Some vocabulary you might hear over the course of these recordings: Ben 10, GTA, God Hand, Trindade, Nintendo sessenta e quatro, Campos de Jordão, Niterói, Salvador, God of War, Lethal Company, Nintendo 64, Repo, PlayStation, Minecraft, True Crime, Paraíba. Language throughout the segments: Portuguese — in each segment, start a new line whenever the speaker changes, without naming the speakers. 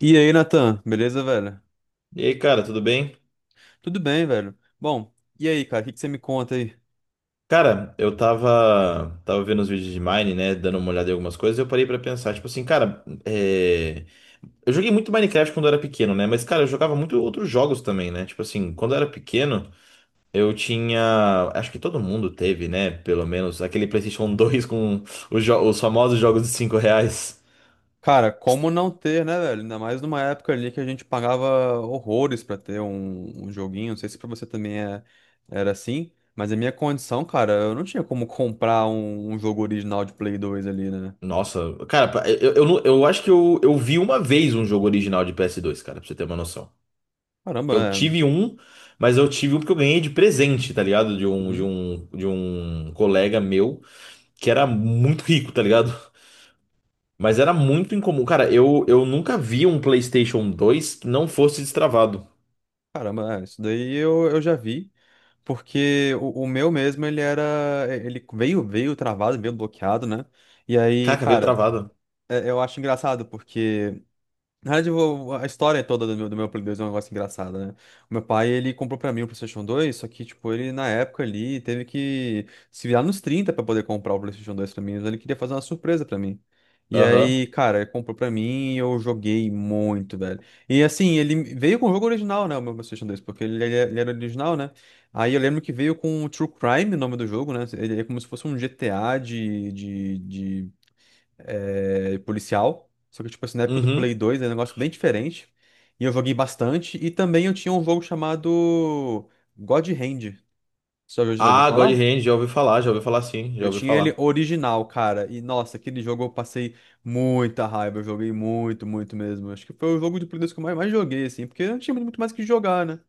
E aí, Natan, beleza, velho?
E aí, cara, tudo bem?
Tudo bem, velho. Bom, e aí, cara, o que que você me conta aí?
Cara, eu tava vendo os vídeos de Mine, né? Dando uma olhada em algumas coisas, e eu parei pra pensar, tipo assim, cara, eu joguei muito Minecraft quando eu era pequeno, né? Mas, cara, eu jogava muito outros jogos também, né? Tipo assim, quando eu era pequeno, eu tinha. Acho que todo mundo teve, né? Pelo menos aquele PlayStation 2 com os famosos jogos de 5 reais.
Cara, como não ter, né, velho? Ainda mais numa época ali que a gente pagava horrores pra ter um joguinho. Não sei se pra você também era assim, mas a minha condição, cara, eu não tinha como comprar um jogo original de Play 2 ali, né?
Nossa, cara, eu, não- eu acho que eu vi uma vez um jogo original de ps dois, cara, pra você ter uma noção.
Caramba,
Eu
é.
tive um, mas eu tive um porque eu ganhei de presente, tá ligado?
Uhum.
De um colega meu que era muito rico, tá ligado? Mas era muito incomum. Cara, eu nunca vi um PlayStation 2 que não fosse destravado.
Caramba, é. Isso daí eu já vi. Porque o meu mesmo, ele era. Ele veio travado, veio bloqueado, né? E aí,
Caraca, veio
cara.
travada.
É, eu acho engraçado porque, na verdade, a história toda do meu Play 2 é um negócio engraçado, né? O meu pai, ele comprou pra mim o PlayStation 2, só que, tipo, ele, na época ali, teve que se virar nos 30 pra poder comprar o PlayStation 2 pra mim, mas ele queria fazer uma surpresa pra mim. E
Aham.
aí, cara, ele comprou pra mim e eu joguei muito, velho. E assim, ele veio com o jogo original, né? O meu PlayStation 2, porque ele era original, né? Aí eu lembro que veio com o True Crime, o nome do jogo, né? Ele é como se fosse um GTA de policial. Só que, tipo assim, na época do Play
Uhum.
2 era um negócio bem diferente. E eu joguei bastante. E também eu tinha um jogo chamado God Hand. Você já ouviu
Ah, God
falar?
Hand, já ouvi falar sim, já
Eu
ouvi
tinha ele
falar.
original, cara. E nossa, aquele jogo eu passei muita raiva. Eu joguei muito, muito mesmo. Acho que foi o jogo de Play 2 que eu mais joguei, assim, porque não tinha muito mais o que jogar, né?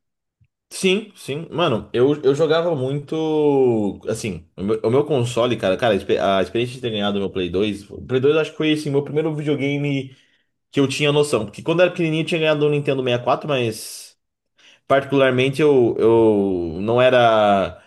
Sim, sim. Mano, eu jogava muito. Assim, o meu console, cara, a a experiência de ter ganhado o meu Play dois. O Play dois eu acho que foi assim, meu primeiro videogame que eu tinha noção. Porque quando eu era pequenininho eu tinha ganhado um Nintendo 64, mas particularmente eu não era,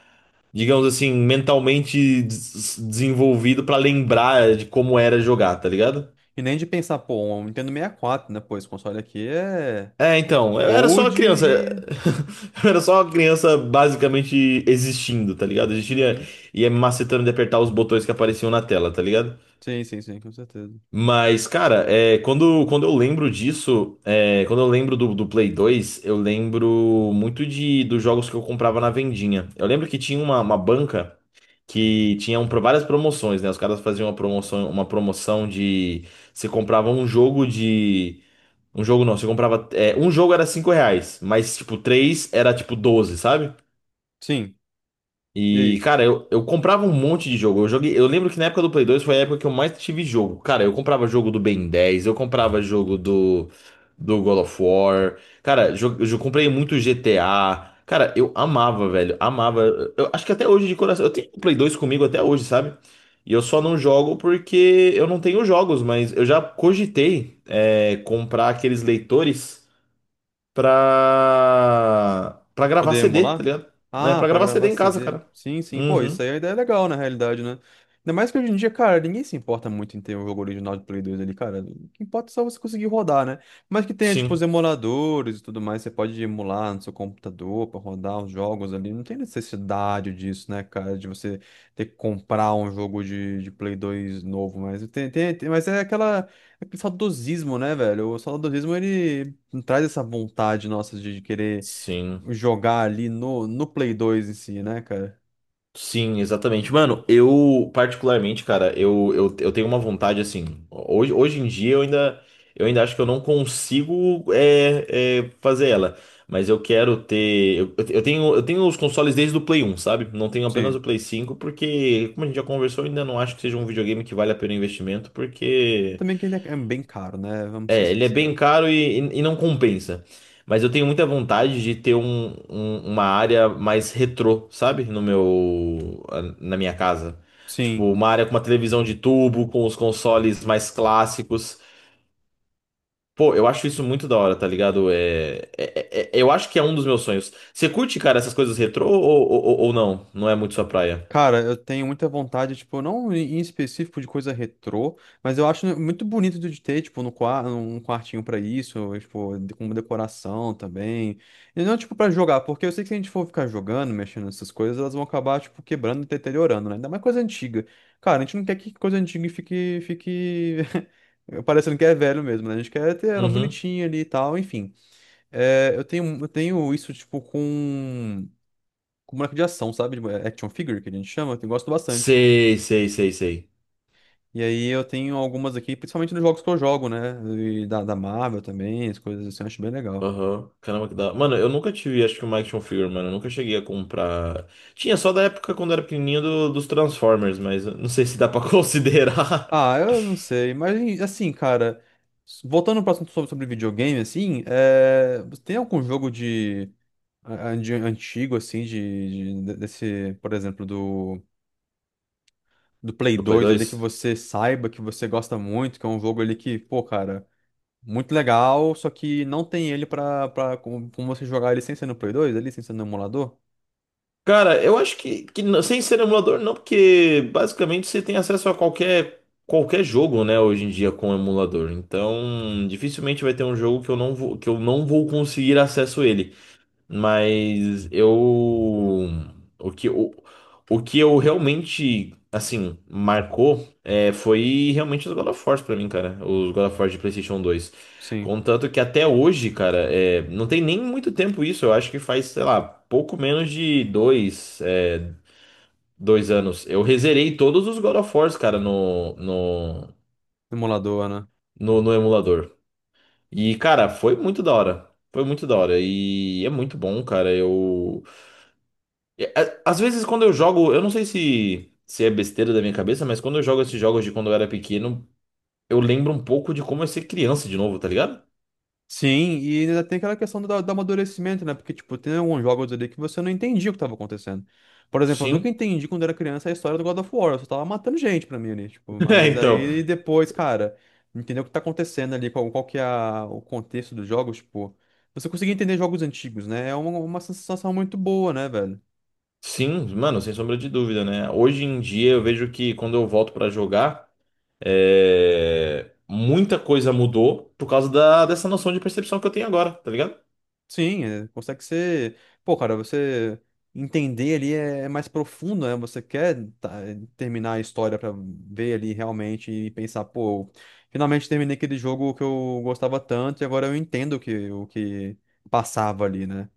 digamos assim, mentalmente desenvolvido pra lembrar de como era jogar, tá ligado?
E nem de pensar, pô, um Nintendo 64, né? Pô, esse console aqui é
É, então, eu era só uma
old
criança.
e.
Eu era só uma criança basicamente existindo, tá ligado? Existindo e ia
Uhum.
e ia me macetando de apertar os botões que apareciam na tela, tá ligado?
Sim, sim, sim, com certeza.
Mas, cara, é, quando eu lembro disso, é, quando eu lembro do Play dois, eu lembro muito de dos jogos que eu comprava na vendinha. Eu lembro que tinha uma banca que tinha várias promoções, né? Os caras faziam uma promoção de você comprava um jogo de. Um jogo não, você comprava. Um jogo era 5 reais, mas tipo, três era tipo doze, sabe?
Sim. E
E,
aí?
cara, eu comprava um monte de jogo. Eu joguei, eu lembro que na época do Play 2 foi a época que eu mais tive jogo. Cara, eu comprava jogo do Ben 10, eu comprava jogo do God of War. Cara, comprei muito GTA. Cara, eu amava, velho. Amava. Eu acho que até hoje de coração. Eu tenho o Play 2 comigo até hoje, sabe? E eu só não jogo porque eu não tenho jogos, mas eu já cogitei, comprar aqueles leitores pra gravar
Poder
CD, tá
emular?
ligado? É,
Ah,
pra
pra
gravar CD
gravar
em casa,
CD.
cara.
Sim, sim. Pô, isso
Uhum.
aí a ideia é legal, na realidade, né? Ainda mais que hoje em dia, cara, ninguém se importa muito em ter um jogo original de Play 2 ali, cara. O que importa é só você conseguir rodar, né? Mas que tenha, tipo, os
Sim.
emuladores e tudo mais, você pode emular no seu computador pra rodar os jogos ali. Não tem necessidade disso, né, cara, de você ter que comprar um jogo de Play 2 novo. Mas, mas é aquele saudosismo, né, velho? O saudosismo, ele traz essa vontade nossa de querer
Sim.
jogar ali no Play 2 em si, né, cara?
Sim, exatamente. Mano, eu, particularmente, cara, eu tenho uma vontade assim. Hoje em dia eu ainda acho que eu não consigo fazer ela. Mas eu quero ter. Eu tenho os consoles desde o Play um, sabe? Não tenho apenas
Sim.
o Play cinco porque, como a gente já conversou, eu ainda não acho que seja um videogame que vale a pena o investimento,
E
porque.
também que ele é bem caro, né? Vamos ser
É, ele é bem
sinceros.
caro e não compensa. Mas eu tenho muita vontade de ter uma área mais retrô, sabe? No meu, Na minha casa. Tipo,
Sim,
uma área com uma televisão de tubo, com os consoles mais clássicos. Pô, eu acho isso muito da hora, tá ligado? Eu acho que é um dos meus sonhos. Você curte, cara, essas coisas retrô ou não? Não é muito sua praia?
cara, eu tenho muita vontade, tipo, não em específico de coisa retrô, mas eu acho muito bonito de ter, tipo, no quarto um quartinho pra isso, tipo, com decoração também. E não, tipo, pra jogar, porque eu sei que se a gente for ficar jogando, mexendo nessas coisas, elas vão acabar, tipo, quebrando e deteriorando, né? Ainda mais coisa antiga. Cara, a gente não quer que coisa antiga fique... parecendo que é velho mesmo, né? A gente quer ter ela
Uhum.
bonitinha ali e tal, enfim. É, eu tenho isso, tipo, com boneco de ação, sabe? De action figure, que a gente chama, que eu gosto bastante.
Sei, sei, sei, sei.
E aí eu tenho algumas aqui, principalmente nos jogos que eu jogo, né? E da Marvel também, as coisas assim, eu acho bem legal.
Aham. Caramba, que da. Mano, eu nunca tive, acho que uma action figure, mano. Eu nunca cheguei a comprar. Tinha só da época quando era pequenininho dos Transformers, mas eu não sei se dá pra considerar.
Ah, eu não sei, mas assim, cara, voltando para assunto sobre videogame, assim, você tem algum jogo de antigo, assim, desse, por exemplo, do Play
Do Play
2
2?
ali que você saiba, que você gosta muito, que é um jogo ali que, pô, cara. Muito legal, só que não tem ele pra como você jogar ele sem ser no Play 2, ele sem ser no emulador?
Cara, eu acho que sem ser emulador, não, porque basicamente você tem acesso a qualquer jogo, né, hoje em dia com emulador. Então, dificilmente vai ter um jogo que eu não vou, que eu não vou conseguir acesso a ele. Mas eu. O que, o, o que eu realmente, assim, marcou é, foi realmente os God of Wars pra mim, cara. Os God of Wars de PlayStation 2.
Sim,
Contanto que até hoje, cara, é, não tem nem muito tempo isso. Eu acho que faz, sei lá, pouco menos de dois anos. Eu rezerei todos os God of Wars, cara,
no emulador, né?
no emulador. E, cara, foi muito da hora. Foi muito da hora. E é muito bom, cara. Eu. Às vezes quando eu jogo, eu não sei se é besteira da minha cabeça, mas quando eu jogo esses jogos de quando eu era pequeno, eu lembro um pouco de como é ser criança de novo, tá ligado?
Sim, e ainda tem aquela questão do amadurecimento, né? Porque, tipo, tem alguns jogos ali que você não entendia o que tava acontecendo. Por exemplo, eu nunca
Sim.
entendi quando era criança a história do God of War, eu só tava matando gente pra mim ali, tipo,
É,
mas
então,
aí depois, cara, entendeu o que tá acontecendo ali, qual que é o contexto dos jogos, tipo, você conseguir entender jogos antigos, né? É uma sensação muito boa, né, velho?
sim, mano, sem sombra de dúvida, né? Hoje em dia eu vejo que quando eu volto pra jogar, é, muita coisa mudou por causa dessa noção de percepção que eu tenho agora, tá ligado?
Sim, consegue ser. Pô, cara, você entender ali é mais profundo, né? Você quer tá, terminar a história pra ver ali realmente e pensar, pô, finalmente terminei aquele jogo que eu gostava tanto e agora eu entendo o que passava ali, né?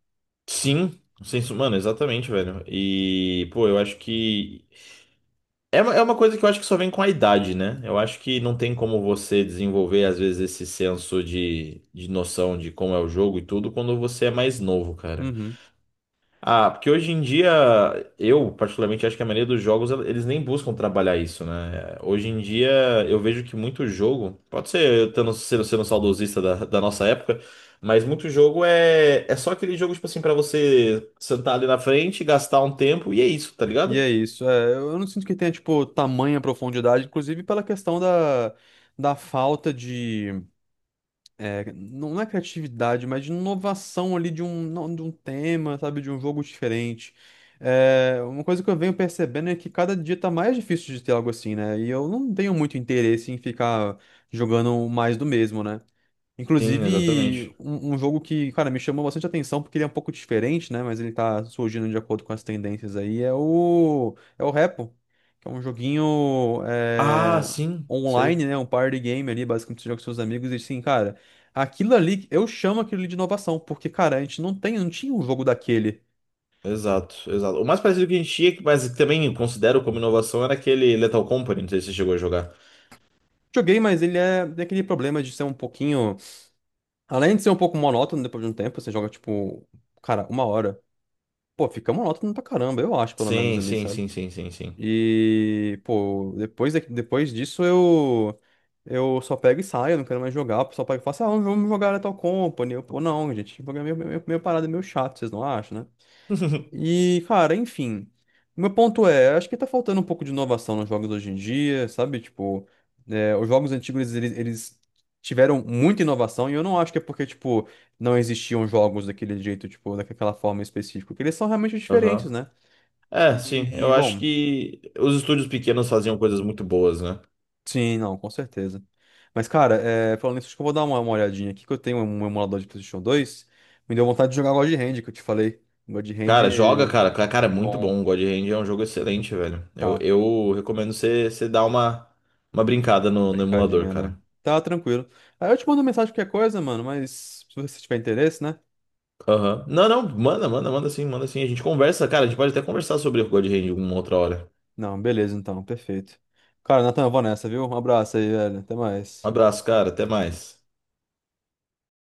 Sim, sem, som- Mano, exatamente, velho. E, pô, eu acho que é uma coisa que eu acho que só vem com a idade, né? Eu acho que não tem como você desenvolver, às vezes, esse senso de noção de como é o jogo e tudo quando você é mais novo, cara.
Uhum.
Ah, porque hoje em dia, eu particularmente acho que a maioria dos jogos, eles nem buscam trabalhar isso, né? Hoje em dia, eu vejo que muito jogo, pode ser eu tendo, sendo saudosista da nossa época, mas muito jogo é só aquele jogo, tipo assim, pra você sentar ali na frente, gastar um tempo e é isso, tá
E
ligado?
é isso. É, eu não sinto que tenha, tipo, tamanha profundidade, inclusive pela questão da falta de. Não é criatividade, mas de inovação ali de um, não- de um tema, sabe, de um jogo diferente. É, uma coisa que eu venho percebendo é que cada dia tá mais difícil de ter algo assim, né? E eu não tenho muito interesse em ficar jogando mais do mesmo, né?
Sim,
Inclusive,
exatamente.
um jogo que, cara, me chamou bastante atenção porque ele é um pouco diferente, né? Mas ele tá surgindo de acordo com as tendências aí. É o, Repo, que é um joguinho
Ah, sim,
online,
sei.
né? Um party game ali, basicamente você joga com seus amigos. E assim, cara, aquilo ali, eu chamo aquilo ali de inovação, porque, cara, a gente não tinha um jogo daquele.
Exato, exato. O mais parecido que a gente tinha, mas que também considero como inovação, era aquele Lethal Company, não sei se você chegou a jogar.
Joguei, mas ele tem aquele problema de ser um pouquinho. Além de ser um pouco monótono depois de um tempo, você joga, tipo, cara, uma hora. Pô, fica monótono pra caramba, eu acho, pelo menos
Sim,
ali,
sim,
sabe?
sim, sim, sim, sim.
E, pô, depois, depois disso eu só pego e saio, eu não quero mais jogar. O pessoal pega e fala assim, ah, vamos jogar Lethal Company. Eu, pô, não, gente, jogar é meio parada, meio chato, vocês não acham, né? E, cara, enfim. O meu ponto é, acho que tá faltando um pouco de inovação nos jogos hoje em dia, sabe? Tipo, os jogos antigos, eles tiveram muita inovação e eu não acho que é porque, tipo, não existiam jogos daquele jeito, tipo, daquela forma específica, porque eles são realmente diferentes,
Aham.
né?
É, sim,
E,
eu acho
bom...
que os estúdios pequenos faziam coisas muito boas, né?
Sim, não, com certeza. Mas, cara, falando nisso, acho que eu vou dar uma olhadinha aqui, que eu tenho um emulador de PlayStation 2. Me deu vontade de jogar God Hand, que eu te falei. God Hand,
Cara, joga, cara. Cara, é muito
bom,
bom. O God Hand é um jogo excelente, velho.
tá, uma
Eu recomendo você dar uma brincada no emulador,
brincadinha, né?
cara.
Tá tranquilo. Aí eu te mando mensagem qualquer coisa, mano, mas se você tiver interesse, né?
Aham. Não, não, manda, manda, manda sim, manda sim. A gente conversa, cara. A gente pode até conversar sobre o God Hand uma outra hora.
Não, beleza, então, perfeito. Cara, Nathan, eu vou nessa, viu? Um abraço aí, velho. Até
Um
mais.
abraço, cara. Até mais.